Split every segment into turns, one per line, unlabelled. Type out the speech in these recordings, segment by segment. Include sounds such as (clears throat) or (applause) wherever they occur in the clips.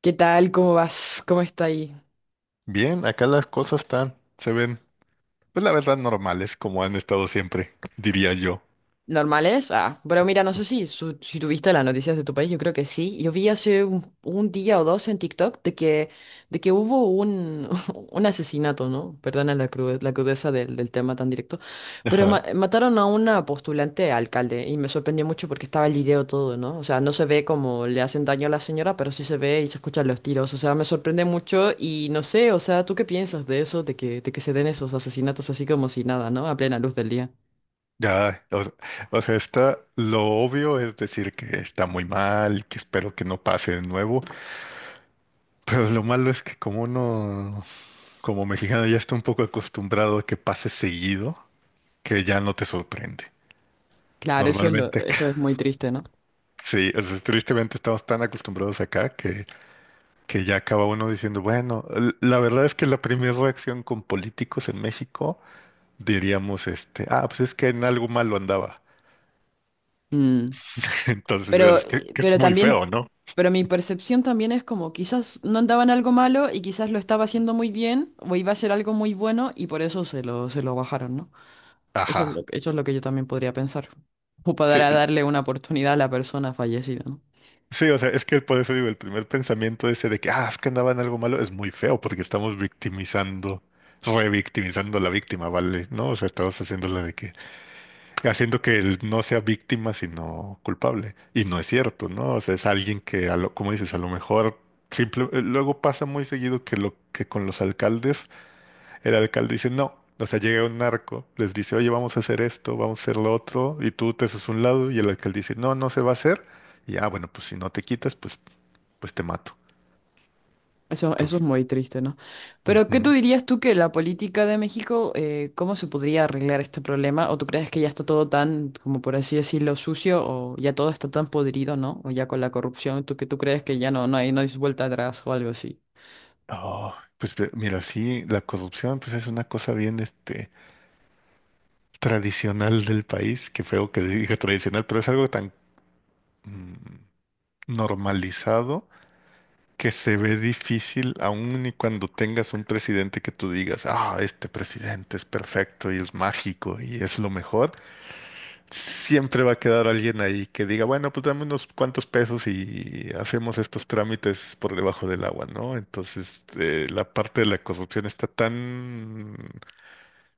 ¿Qué tal? ¿Cómo vas? ¿Cómo está ahí?
Bien, acá las cosas están, se ven, pues la verdad, normales, como han estado siempre, diría yo.
Normales. Ah, pero mira, no sé si, si tuviste las noticias de tu país, yo creo que sí. Yo vi hace un día o dos en TikTok de que hubo (laughs) un asesinato, ¿no? Perdona la crudeza del tema tan directo, pero
Ajá.
mataron a una postulante a alcalde y me sorprendió mucho porque estaba el video todo, ¿no? O sea, no se ve cómo le hacen daño a la señora, pero sí se ve y se escuchan los tiros. O sea, me sorprende mucho y no sé, o sea, ¿tú qué piensas de eso, de que se den esos asesinatos así como si nada, ¿no? A plena luz del día.
Ya, o sea, lo obvio es decir que está muy mal, que espero que no pase de nuevo, pero lo malo es que como uno, como mexicano, ya está un poco acostumbrado a que pase seguido, que ya no te sorprende.
Claro,
Normalmente.
eso es
(laughs)
muy triste, ¿no?
Sí, o sea, tristemente estamos tan acostumbrados acá que, ya acaba uno diciendo, bueno, la verdad es que la primera reacción con políticos en México diríamos, pues es que en algo malo andaba.
Mm.
(laughs) Entonces
Pero,
es que es
pero
muy
también,
feo, ¿no?
pero mi percepción también es como quizás no andaba en algo malo y quizás lo estaba haciendo muy bien o iba a ser algo muy bueno y por eso se lo bajaron, ¿no?
Ajá.
Eso es lo que yo también podría pensar. O
Sí,
para darle una oportunidad a la persona fallecida, ¿no?
sí, o sea, es que por eso digo, el primer pensamiento ese de que, es que andaba en algo malo es muy feo porque estamos victimizando, revictimizando a la víctima, ¿vale? ¿No? O sea, estamos haciéndolo de que haciendo que él no sea víctima, sino culpable. Y no es cierto, ¿no? O sea, es alguien que, como dices, a lo mejor simple, luego pasa muy seguido que lo que con los alcaldes, el alcalde dice no. O sea, llega un narco, les dice, oye, vamos a hacer esto, vamos a hacer lo otro, y tú te haces un lado, y el alcalde dice, no, no se va a hacer. Y bueno, pues si no te quitas, pues te mato.
Eso es
Entonces.
muy triste, ¿no? Pero, ¿qué tú
Ujú.
dirías tú que la política de México, cómo se podría arreglar este problema? ¿O tú crees que ya está todo tan, como por así decirlo, sucio, o ya todo está tan podrido, ¿no? O ya con la corrupción, ¿tú que tú crees que ya no hay vuelta atrás o algo así?
Oh, pues mira, sí, la corrupción, pues es una cosa bien, tradicional del país, qué feo que diga tradicional, pero es algo tan mm, normalizado que se ve difícil aun y cuando tengas un presidente que tú digas, este presidente es perfecto y es mágico y es lo mejor, siempre va a quedar alguien ahí que diga, bueno, pues dame unos cuantos pesos y hacemos estos trámites por debajo del agua, ¿no? Entonces, la parte de la corrupción está tan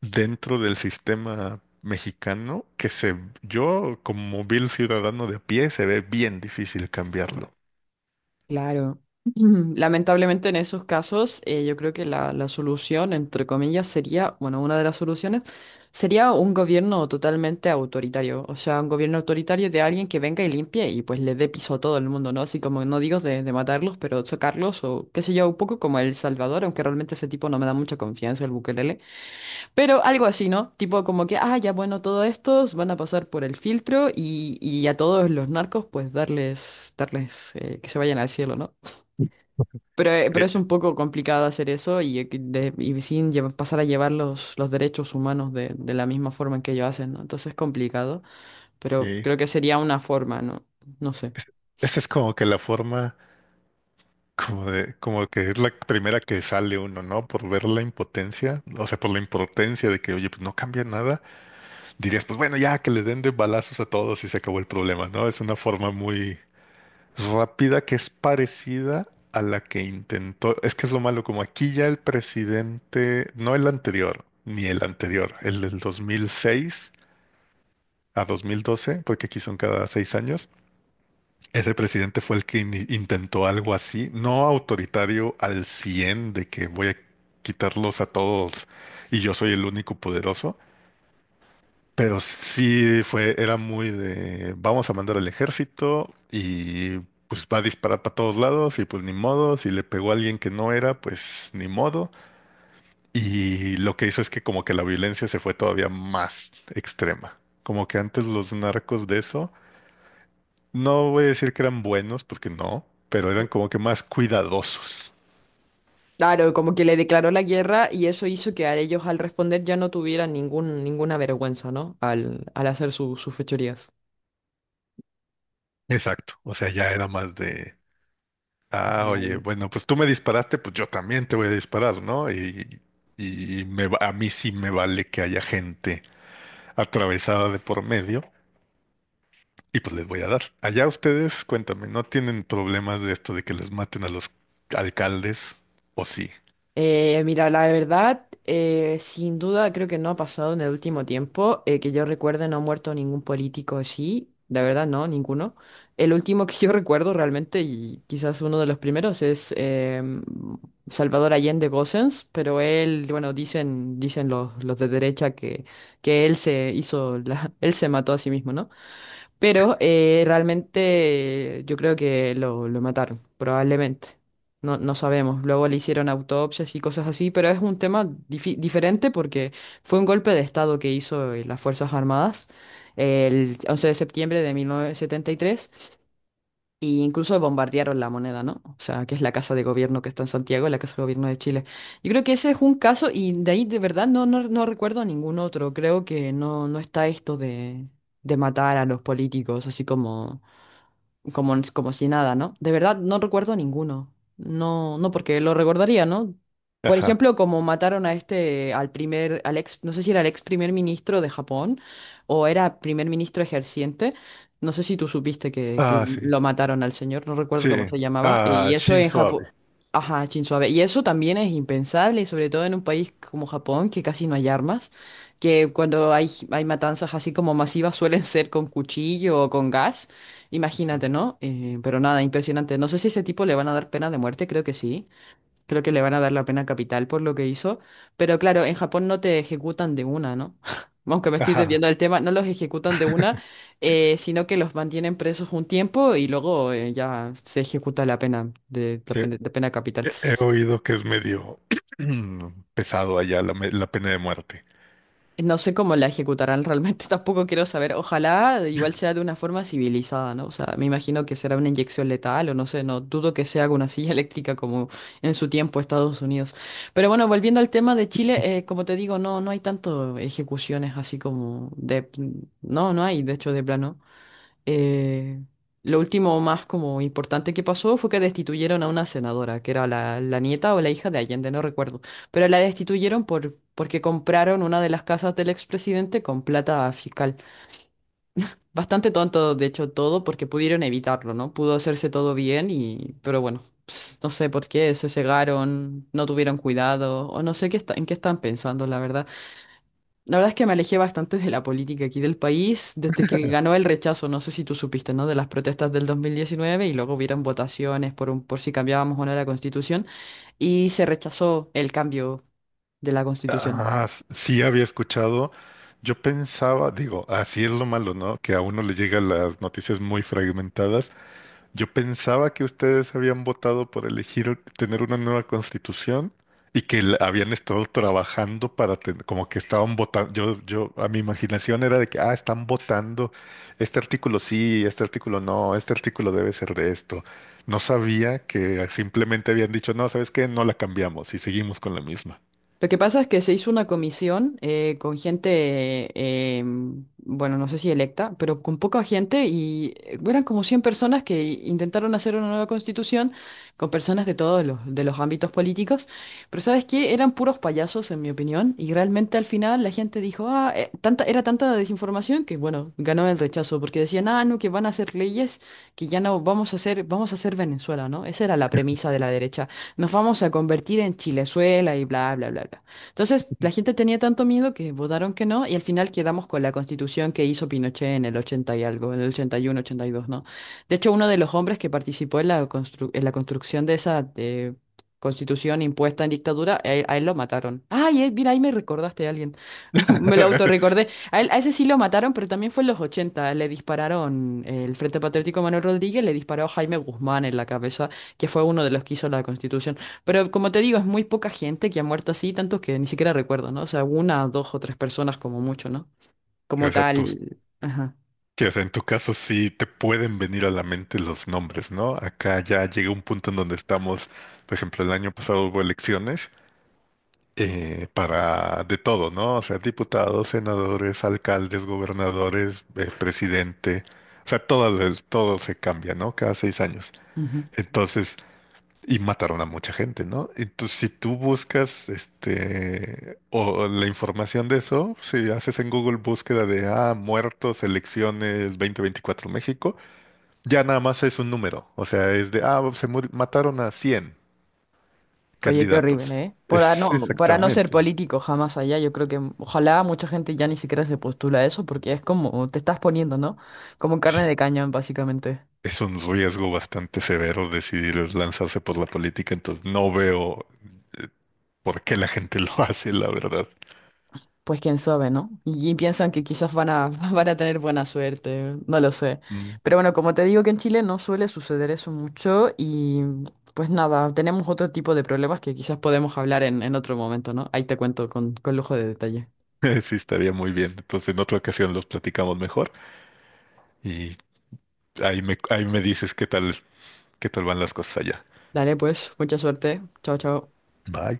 dentro del sistema mexicano yo como vil ciudadano de a pie se ve bien difícil cambiarlo.
Claro. (clears throat) Lamentablemente en esos casos, yo creo que la solución, entre comillas, sería, bueno, una de las soluciones sería un gobierno totalmente autoritario, o sea, un gobierno autoritario de alguien que venga y limpie y pues le dé piso a todo el mundo, ¿no? Así como no digo de matarlos, pero sacarlos o qué sé yo, un poco como El Salvador, aunque realmente ese tipo no me da mucha confianza, el Bukelele, pero algo así, ¿no? Tipo como que, ah, ya bueno, todos estos van a pasar por el filtro y a todos los narcos pues darles que se vayan al cielo, ¿no? Pero
Eh,
es un poco complicado hacer eso y, y sin lleva- pasar a llevar los derechos humanos de la misma forma en que ellos hacen, ¿no? Entonces es complicado, pero
sí.
creo que sería una forma, ¿no? No sé.
Es- Esa es como que la forma, como de, como que es la primera que sale uno, ¿no? Por ver la impotencia, o sea, por la impotencia de que, oye, pues no cambia nada, dirías, pues bueno, ya que le den de balazos a todos y se acabó el problema, ¿no? Es una forma muy rápida que es parecida a la que intentó. Es que es lo malo, como aquí ya el presidente, no el anterior, ni el anterior, el del 2006 a 2012, porque aquí son cada 6 años. Ese presidente fue el que intentó algo así, no autoritario al 100 de que voy a quitarlos a todos y yo soy el único poderoso. Pero sí fue, era muy de vamos a mandar al ejército y pues va a disparar para todos lados y pues ni modo, si le pegó a alguien que no era, pues ni modo. Y lo que hizo es que como que la violencia se fue todavía más extrema. Como que antes los narcos de eso, no voy a decir que eran buenos, porque no, pero eran como que más cuidadosos.
Claro, como que le declaró la guerra y eso hizo que a ellos al responder ya no tuvieran ningún, ninguna vergüenza, ¿no? Al, al hacer sus fechorías.
Exacto, o sea, ya era más de... Ah, oye, bueno, pues tú me disparaste, pues yo también te voy a disparar, ¿no? Y a mí sí me vale que haya gente atravesada de por medio y pues les voy a dar. Allá ustedes, cuéntame, ¿no tienen problemas de esto de que les maten a los alcaldes? ¿O sí?
Mira, la verdad, sin duda creo que no ha pasado en el último tiempo. Eh, que yo recuerde, no ha muerto ningún político así. La verdad, no, ninguno. El último que (laughs) yo recuerdo realmente, y quizás uno de los primeros, es Salvador Allende Gossens, pero él, bueno, dicen los de derecha que él se hizo, (laughs) él se mató a sí mismo, ¿no? Pero realmente yo creo que lo mataron, probablemente. No, no sabemos. Luego le hicieron autopsias y cosas así, pero es un tema diferente porque fue un golpe de estado que hizo las Fuerzas Armadas el 11 de septiembre de 1973 y incluso bombardearon la moneda, ¿no? O sea, que es la casa de gobierno que está en Santiago, la casa de gobierno de Chile. Yo creo que ese es un caso y de ahí de verdad no recuerdo ningún otro. Creo que no, no está esto de matar a los políticos, así como si nada, ¿no? De verdad, no recuerdo ninguno. No, no, porque lo recordaría, ¿no? Por
Ajá.
ejemplo, como mataron a este, al primer, al ex, no sé si era el ex primer ministro de Japón o era primer ministro ejerciente. No sé si tú supiste que
Ah, sí.
lo mataron al señor, no recuerdo
Sí.
cómo se llamaba.
Ah,
Y eso en
Shinzo
Japón.
Abe.
Ajá, Shinzo Abe. Y eso también es impensable, y sobre todo en un país como Japón, que casi no hay armas, que cuando hay matanzas así como masivas suelen ser con cuchillo o con gas.
Ujú.
Imagínate, ¿no? Pero nada, impresionante. No sé si a ese tipo le van a dar pena de muerte, creo que sí. Creo que le van a dar la pena capital por lo que hizo. Pero claro, en Japón no te ejecutan de una, ¿no? (laughs) Aunque me estoy
Ajá.
desviando del tema, no los ejecutan de una, sino que los mantienen presos un tiempo y luego ya se ejecuta la pena de, la
Sí.
pena de pena capital.
He oído que es medio (clears throat) pesado allá la pena de muerte.
No sé cómo la ejecutarán realmente, (laughs) tampoco quiero saber. Ojalá igual sea de una forma civilizada, ¿no? O sea, me imagino que será una inyección letal o no sé, no dudo que sea con una silla (laughs) eléctrica como en su tiempo Estados Unidos. Pero bueno, volviendo al tema de Chile, como te digo, no, no hay tanto ejecuciones así como de... No, no hay, de hecho, de plano. Eh, lo último más como importante que pasó fue que destituyeron a una senadora, que era la nieta o la hija de Allende, no recuerdo, pero la destituyeron por, porque compraron una de las casas del expresidente con plata fiscal. Bastante tonto, de hecho, todo porque pudieron evitarlo, ¿no? Pudo hacerse todo bien y, pero bueno, ps, no sé por qué se cegaron, no tuvieron cuidado o no sé qué en qué están pensando, la verdad. La verdad es que me alejé bastante de la política aquí del país desde que ganó el rechazo, no sé si tú supiste, ¿no? De las protestas del 2019 y luego hubieron votaciones por, por si cambiábamos o no la constitución y se rechazó el cambio de la constitución.
Ah, sí había escuchado. Yo pensaba, digo, así es lo malo, ¿no? Que a uno le llegan las noticias muy fragmentadas. Yo pensaba que ustedes habían votado por elegir tener una nueva constitución y que habían estado trabajando para tener, como que estaban votando. A mi imaginación era de que, están votando. Este artículo sí, este artículo no, este artículo debe ser de esto. No sabía que simplemente habían dicho, no, ¿sabes qué? No la cambiamos y seguimos con la misma.
Lo que pasa es que se hizo una comisión con gente, mm, bueno, no sé si electa, pero con poca gente y eran como 100 personas que intentaron hacer una nueva constitución con personas de todos de los ámbitos políticos, pero ¿sabes qué? Eran puros payasos, en mi opinión, y realmente al final la gente dijo, ah, tanta, era tanta la desinformación que, bueno, ganó el rechazo, porque decían, ah, no, que van a hacer leyes que ya no vamos a hacer, vamos a hacer Venezuela, ¿no? Esa era la premisa de la derecha, nos vamos a convertir en Chilezuela y bla, bla, bla, bla. Entonces, la gente tenía tanto miedo que votaron que no y al final quedamos con la constitución que hizo Pinochet en el 80 y algo, en el ochenta, 81, 82, ¿no? De hecho, uno de los hombres que participó en la en la construcción de esa constitución impuesta en dictadura, a él lo mataron. Ay, mira, ahí me recordaste a alguien. (laughs) Me lo
(laughs)
autorrecordé. A él, a ese sí lo mataron, pero también fue en los ochenta. Le dispararon el Frente Patriótico Manuel Rodríguez, le disparó a Jaime Guzmán en la cabeza, que fue uno de los que hizo la Constitución. Pero como te digo, es muy poca gente que ha muerto así, tantos que ni siquiera recuerdo, ¿no? O sea, una, dos o tres personas como mucho, ¿no? Como
O sea,
tal. Ajá.
o sea, en tu caso sí te pueden venir a la mente los nombres, ¿no? Acá ya llega un punto en donde estamos, por ejemplo, el año pasado hubo elecciones para de todo, ¿no? O sea, diputados, senadores, alcaldes, gobernadores, presidente, o sea, todo, todo se cambia, ¿no? Cada 6 años.
Ujú.
Entonces, y mataron a mucha gente, ¿no? Entonces, si tú buscas este o la información de eso, si haces en Google búsqueda de muertos, elecciones 2024 México, ya nada más es un número. O sea, es de se mataron a cien
Oye, qué horrible,
candidatos.
¿eh?
Es
Para no ser
exactamente.
político jamás allá, yo creo que ojalá mucha gente ya ni siquiera se postula a eso porque es como te estás poniendo, ¿no? Como carne
Sí.
de cañón, básicamente.
Es un riesgo bastante severo decidir lanzarse por la política, entonces no veo eh, por qué la gente (laughs) lo hace, la verdad.
Pues quién sabe, ¿no? Y piensan que quizás van a, (laughs) van a tener buena suerte, no lo sé. Pero bueno, como te digo que en Chile no suele suceder eso mucho y pues nada, tenemos otro tipo de problemas que quizás podemos hablar en otro momento, ¿no? Ahí te cuento con lujo de detalle.
(laughs) Sí, estaría muy bien. Entonces, en otra ocasión los platicamos mejor y ahí me dices qué tal van las cosas allá.
Dale, pues, mucha suerte. Chao, chao.
Bye.